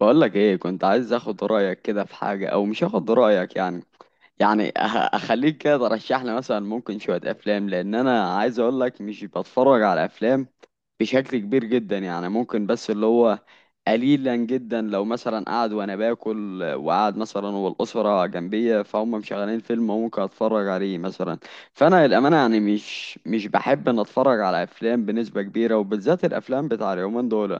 بقولك ايه، كنت عايز اخد رأيك كده في حاجة او مش اخد رأيك. يعني أه- اخليك كده ترشح لي مثلا ممكن شوية افلام، لان انا عايز اقولك مش بتفرج على افلام بشكل كبير جدا، يعني ممكن بس اللي هو قليلا جدا، لو مثلا قاعد وانا باكل وقاعد مثلا والاسرة جنبية فهم مشغلين فيلم ممكن اتفرج عليه مثلا. فانا للامانة يعني مش بحب ان اتفرج على افلام بنسبة كبيرة، وبالذات الافلام بتاع اليومين دول.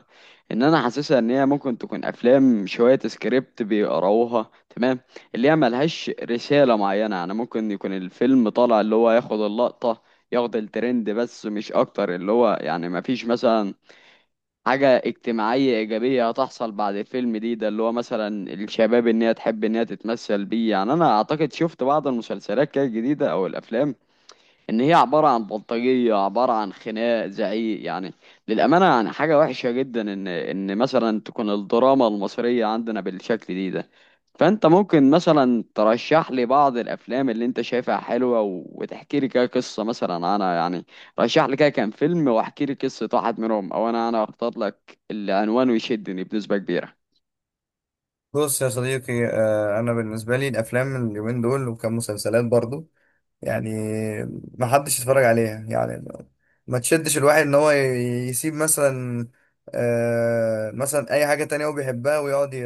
ان انا حاسسها ان هي ممكن تكون افلام شويه سكريبت بيقراوها، تمام، اللي هي ملهاش رساله معينه، يعني ممكن يكون الفيلم طالع اللي هو ياخد اللقطه، ياخد الترند، بس مش اكتر. اللي هو يعني مفيش مثلا حاجه اجتماعيه ايجابيه هتحصل بعد الفيلم دي ده، اللي هو مثلا الشباب ان هي تحب ان هي تتمثل بيه. يعني انا اعتقد شفت بعض المسلسلات كده الجديده او الافلام ان هي عباره عن بلطجيه، عباره عن خناق، زعيق. يعني للامانه يعني حاجه وحشه جدا ان مثلا تكون الدراما المصريه عندنا بالشكل دي ده. فانت ممكن مثلا ترشح لي بعض الافلام اللي انت شايفها حلوه وتحكي لي كده قصه. مثلا انا يعني رشح لي كده كام فيلم واحكي لي قصه واحد منهم، او انا اختار لك العنوان ويشدني بنسبه كبيره. بص يا صديقي آه، انا بالنسبه لي الافلام اليومين دول وكم مسلسلات برضو يعني ما حدش يتفرج عليها. ما تشدش الواحد ان هو يسيب مثلا آه، مثلا اي حاجه تانية هو بيحبها ويقعد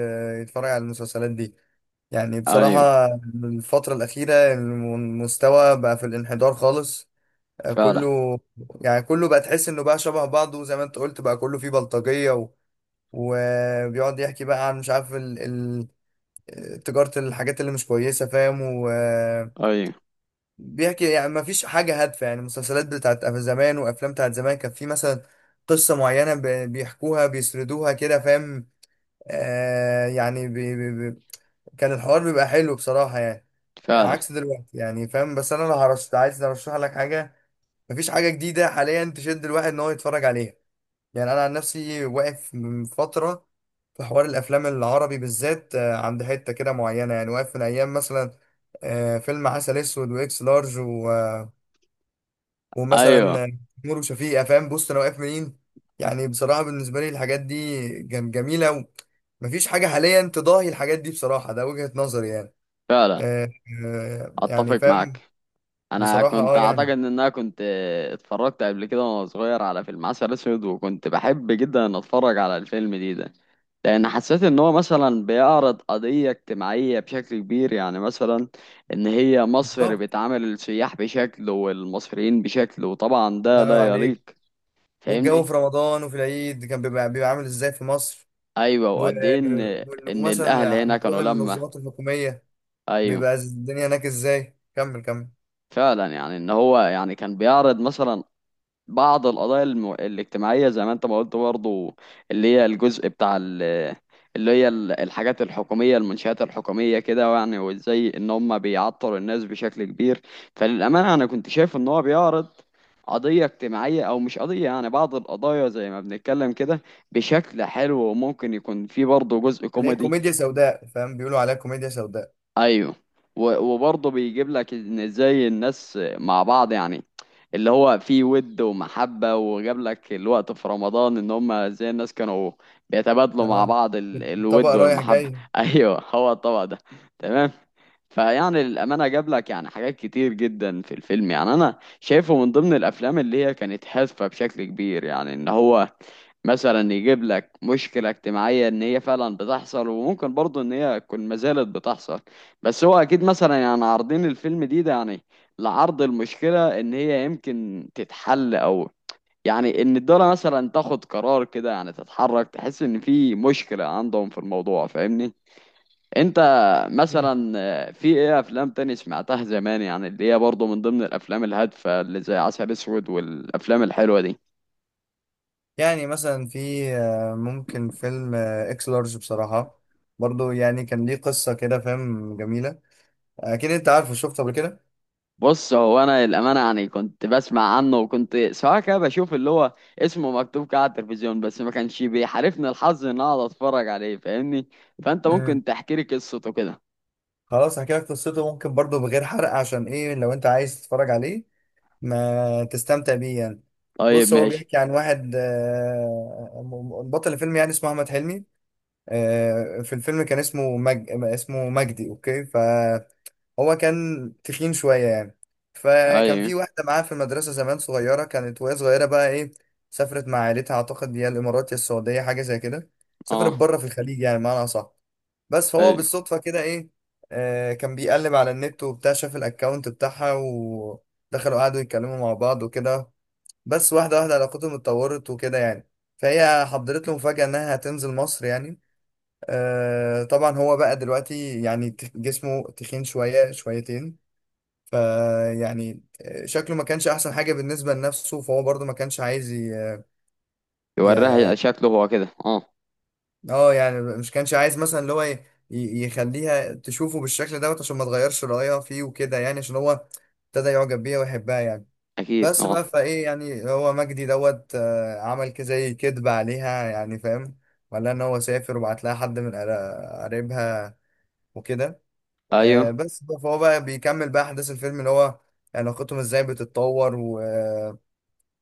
يتفرج على المسلسلات دي، يعني ايوه، بصراحه. الفتره الاخيره المستوى بقى في الانحدار خالص آه، فعلا. كله. يعني كله بقى تحس انه بقى شبه بعضه زي ما انت قلت، بقى كله فيه بلطجيه وبيقعد يحكي بقى عن مش عارف تجارة الحاجات اللي مش كويسة، فاهم؟ ايوه، وبيحكي، يعني ما فيش حاجة هادفة. يعني مسلسلات بتاعت زمان وأفلام بتاعت زمان كان في مثلا قصة معينة بيحكوها، بيسردوها كده، فاهم؟ آه، يعني بي بي بي كان الحوار بيبقى حلو بصراحة، يعني فعلا. عكس دلوقتي، يعني فاهم؟ بس أنا لو هرشت عايز أرشح لك حاجة، مفيش حاجة جديدة حاليا تشد الواحد إن هو يتفرج عليها. يعني انا عن نفسي واقف من فتره في حوار الافلام العربي بالذات آه، عند حته كده معينه. يعني واقف من ايام مثلا آه، فيلم عسل اسود واكس لارج ومثلا ايوه، آه، نور وشفيقة، فاهم؟ بص انا واقف منين. يعني بصراحه بالنسبه لي الحاجات دي جميله، ومفيش حاجه حاليا تضاهي الحاجات دي بصراحه. ده وجهه نظري يعني. فعلا، آه، آه، يعني اتفق فاهم؟ معاك. انا بصراحه كنت اه اعتقد يعني. ان انا كنت اتفرجت قبل كده وانا صغير على فيلم عسل اسود، وكنت بحب جدا ان اتفرج على الفيلم دي ده، لان حسيت ان هو مثلا بيعرض قضية اجتماعية بشكل كبير، يعني مثلا ان هي مصر بالظبط، بتعامل السياح بشكل والمصريين بشكل، وطبعا الله ده ينور لا عليك. يليق. والجو في فاهمني؟ رمضان وفي العيد كان بيبقى عامل ازاي في مصر، ايوه، و- وقد ايه ان ان الاهل ومثلا هنا بتروح كانوا لما. المنظمات الحكومية، ايوه، بيبقى الدنيا هناك ازاي؟ كمل كمل. فعلا. يعني ان هو يعني كان بيعرض مثلا بعض القضايا الاجتماعية زي ما انت ما قلت برضو، اللي هي الجزء بتاع اللي هي الحاجات الحكومية، المنشآت الحكومية كده، يعني وازاي ان هم بيعطلوا الناس بشكل كبير. فللأمانة انا كنت شايف ان هو بيعرض قضية اجتماعية، او مش قضية يعني بعض القضايا زي ما بنتكلم كده، بشكل حلو، وممكن يكون فيه برضه جزء اللي هي كوميدي. كوميديا سوداء، فاهم؟ بيقولوا عليها كوميديا سوداء. ايوه. وبرضه بيجيب لك ان ازاي الناس مع بعض، يعني اللي هو في ود ومحبة، وجاب لك الوقت في رمضان ان هم ازاي الناس كانوا بيتبادلوا مع اه، بعض طبق الود رايح والمحبة. جاي. ايوه، هو الطبق ده، تمام. فيعني للأمانة جاب لك يعني حاجات كتير جدا في الفيلم، يعني أنا شايفه من ضمن الأفلام اللي هي كانت هادفة بشكل كبير، يعني إن هو مثلا يجيب لك مشكلة اجتماعية إن هي فعلا بتحصل، وممكن برضه إن هي تكون ما زالت بتحصل. بس هو أكيد مثلا يعني عارضين الفيلم دي ده يعني لعرض المشكلة إن هي يمكن تتحل، أو يعني إن الدولة مثلا تاخد قرار كده، يعني تتحرك، تحس إن في مشكلة عندهم في الموضوع. فاهمني؟ انت مم. مثلا آه، في ايه افلام تاني سمعتها زمان، يعني اللي هي برضه من ضمن الافلام الهادفه اللي زي عسل اسود والافلام الحلوه دي؟ يعني مثلا في آه، ممكن فيلم آه، اكس لارج بصراحة برضو، يعني كان ليه قصة كده، فاهم؟ جميلة. اكيد انت عارفه، شفته قبل كده. بص، هو انا الامانه يعني كنت بسمع عنه، وكنت سواء كده بشوف اللي هو اسمه مكتوب كده على التلفزيون، بس ما كانش بيحالفني الحظ ان اقعد اتفرج عليه، فاهمني؟ فانت مم. ممكن تحكي لي قصته كده. خلاص، هحكي لك قصته ممكن برضو بغير حرق، عشان ايه؟ لو انت عايز تتفرج عليه ما تستمتع بيه يعني. طيب، بص، هو ماشي. بيحكي عن واحد آه، بطل الفيلم يعني اسمه احمد حلمي. آه، في الفيلم كان اسمه اسمه مجدي، اوكي. فهو كان تخين شوية يعني. فكان ايوه. في واحدة معاه في المدرسة زمان صغيرة، كانت وهي صغيرة بقى ايه، سافرت مع عيلتها، اعتقد يا الامارات يا السعودية حاجة زي كده. سافرت اه. بره في الخليج، يعني معنى صح؟ بس فهو ايوه. بالصدفة كده ايه، آه، كان بيقلب على النت وبتاع، شاف الاكونت بتاعها ودخلوا قعدوا يتكلموا مع بعض وكده. بس واحدة واحدة علاقتهم اتطورت وكده يعني. فهي حضرت له مفاجأة انها هتنزل مصر يعني. آه طبعا هو بقى دلوقتي يعني جسمه تخين شوية شويتين، فيعني شكله ما كانش احسن حاجة بالنسبة لنفسه. فهو برضو ما كانش عايز يوريها ي... شكله هو كده، اه. اه يعني مش كانش عايز مثلا اللي هو يخليها تشوفه بالشكل دوت عشان ما تغيرش رأيها فيه وكده يعني، عشان هو ابتدى يعجب بيها ويحبها يعني. اكيد، بس بقى اه. فايه يعني، هو مجدي دوت آه، عمل كده زي كدب عليها يعني، فاهم؟ ولا ان هو سافر وبعت لها حد من قرايبها وكده. آه، ايوه. فهو بقى بيكمل بقى احداث الفيلم، اللي هو علاقتهم ازاي بتتطور،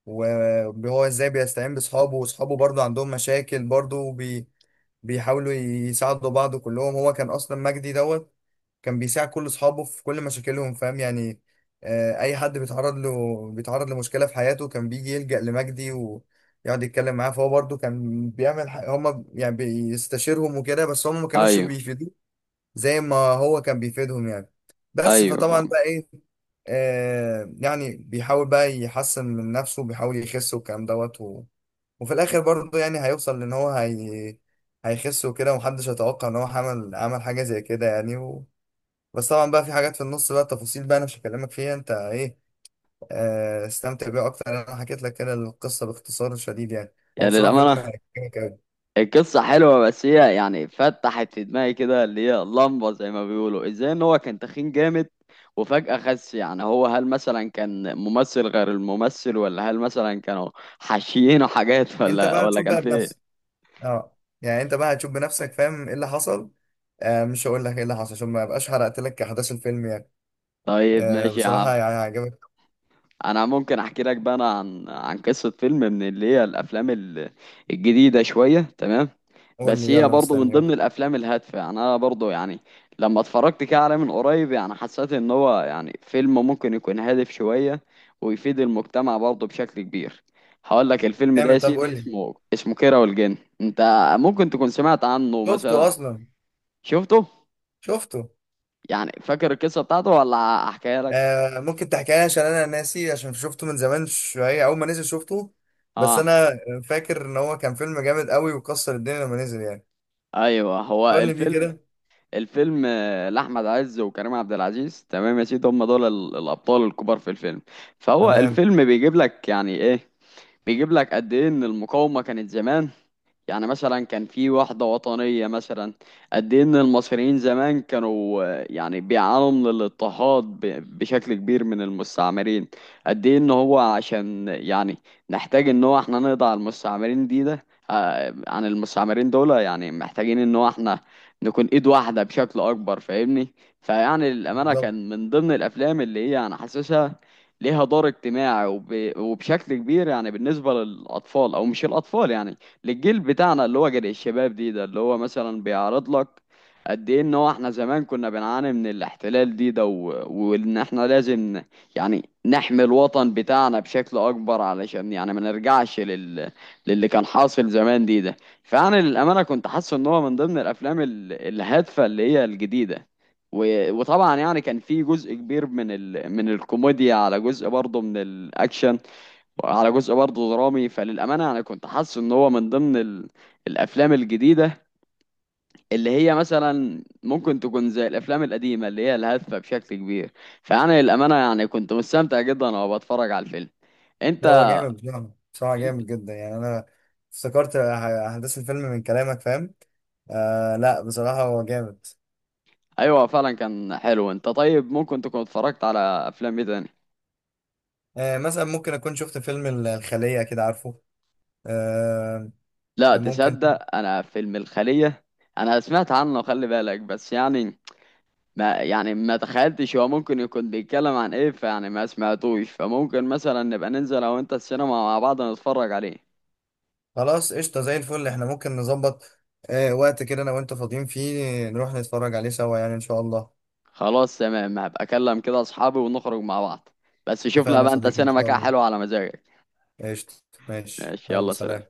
وهو ازاي بيستعين باصحابه، واصحابه برضه عندهم مشاكل برضه، بيحاولوا يساعدوا بعض كلهم. هو كان اصلا مجدي دوت كان بيساعد كل اصحابه في كل مشاكلهم، فاهم يعني؟ آه، اي حد بيتعرض له، بيتعرض لمشكله في حياته، كان بيجي يلجأ لمجدي ويقعد يتكلم معاه. فهو برضه كان بيعمل هم يعني بيستشيرهم وكده، بس هم ما كانوش ايوه. بيفيدوه زي ما هو كان بيفيدهم يعني. بس ايوه، فطبعا فاهم. بقى ايه، آه يعني بيحاول بقى يحسن من نفسه، بيحاول يخس والكلام دوت وفي الاخر برضه يعني هيوصل لان هو هيخس وكده، ومحدش يتوقع ان هو عمل عمل حاجه زي كده يعني بس طبعا بقى في حاجات في النص بقى تفاصيل بقى انا مش هكلمك فيها، انت ايه آه استمتع بيها اكتر. انا حكيت لك كده القصه باختصار شديد يعني. هو يعني بصراحه فيلم للامانه هيعجبك أوي. القصة حلوة، بس هي يعني فتحت في دماغي كده اللي هي لمبة زي ما بيقولوا، ازاي ان هو كان تخين جامد وفجأة خس؟ يعني هو هل مثلا كان ممثل غير الممثل، ولا هل مثلا كانوا حاشيينه حاجات، انت ولا بقى ولا تشوف كان بقى في بنفسك. ايه؟ اه يعني انت بقى هتشوف بنفسك فاهم ايه اللي حصل. آه مش هقول لك ايه اللي حصل عشان ما ابقاش حرقت لك احداث الفيلم يعني. طيب، آه ماشي يا عم. بصراحه يعني هيعجبك. انا ممكن احكي لك بقى انا عن عن قصة فيلم من اللي هي الافلام الجديدة شوية، تمام. قول بس لي هي يلا، برضه من مستني اهو. ضمن الافلام الهادفه، يعني انا برضه يعني لما اتفرجت كده عليه من قريب يعني حسيت ان هو يعني فيلم ممكن يكون هادف شويه ويفيد المجتمع برضه بشكل كبير. هقول لك الفيلم ده يا جامد، طب قول سيدي، لي. اسمه كيرة والجن. انت ممكن تكون سمعت عنه شفته مثلا؟ اصلا، شفته؟ شفته. يعني فاكر القصه بتاعته ولا احكيها لك؟ آه ممكن تحكي لي، عشان انا ناسي، عشان شفته من زمان شويه اول ما نزل شفته. بس اه. انا فاكر ان هو كان فيلم جامد قوي وكسر الدنيا لما نزل يعني. ايوه، هو فكرني بيه الفيلم كده. الفيلم آه، لأحمد عز وكريم عبد العزيز، تمام يا سيدي، هم دول الأبطال الكبار في الفيلم. فهو تمام، الفيلم بيجيب لك يعني إيه، بيجيب لك قد إيه إن المقاومة كانت زمان، يعني مثلا كان في وحدة وطنية مثلا، قد إيه إن المصريين زمان كانوا آه، يعني بيعانوا من الاضطهاد بشكل كبير من المستعمرين، قد إيه إن هو عشان يعني نحتاج إن هو إحنا نقضي على المستعمرين دي ده، آه، عن المستعمرين دول، يعني محتاجين إن هو إحنا نكون إيد واحدة بشكل أكبر، فاهمني؟ فيعني الأمانة بالظبط. كان من ضمن الأفلام اللي هي أنا حاسسها ليها دور اجتماعي وبشكل كبير، يعني بالنسبة للأطفال أو مش الأطفال، يعني للجيل بتاعنا اللي هو جيل الشباب دي ده، اللي هو مثلا بيعرض لك قد ايه ان هو احنا زمان كنا بنعاني من الاحتلال دي ده، وان احنا لازم يعني نحمي الوطن بتاعنا بشكل اكبر، علشان يعني ما نرجعش للي كان حاصل زمان دي ده. فانا للامانه كنت حاسس ان هو من ضمن الافلام الهادفه اللي هي الجديده، وطبعا يعني كان في جزء كبير من من الكوميديا، على جزء برضه من الاكشن، على جزء برضه درامي. فللأمانة أنا كنت حاسس إن هو من ضمن الأفلام الجديدة اللي هي مثلا ممكن تكون زي الأفلام القديمة اللي هي الهادفة بشكل كبير. فأنا للأمانة يعني كنت مستمتع جدا وأنا بتفرج على الفيلم. أنت لا هو جامد بصراحة، بصراحة جامد جدا. يعني أنا افتكرت أحداث الفيلم من كلامك، فاهم؟ آه لا بصراحة هو جامد. أيوه، فعلا كان حلو. أنت طيب ممكن تكون اتفرجت على أفلام إيه تاني؟ آه مثلا ممكن أكون شفت فيلم الخلية كده، عارفه؟ آه لا، ممكن. تصدق أنا فيلم الخلية أنا سمعت عنه، خلي بالك، بس يعني ما يعني ما تخيلتش هو ممكن يكون بيتكلم عن ايه، فيعني ما سمعتوش. فممكن مثلا نبقى ننزل لو انت السينما مع بعض نتفرج عليه. خلاص قشطة زي الفل، إحنا ممكن نظبط آه وقت كده أنا وأنت فاضيين فيه، نروح نتفرج عليه سوا يعني إن شاء الله. خلاص، تمام، هبقى اكلم كده اصحابي ونخرج مع بعض، بس شوف لها اتفقنا يا بقى انت صديقي، إن سينما شاء كده الله. حلوة على مزاجك. قشطة، ماشي ماشي، يلا يلا سلام. سلام.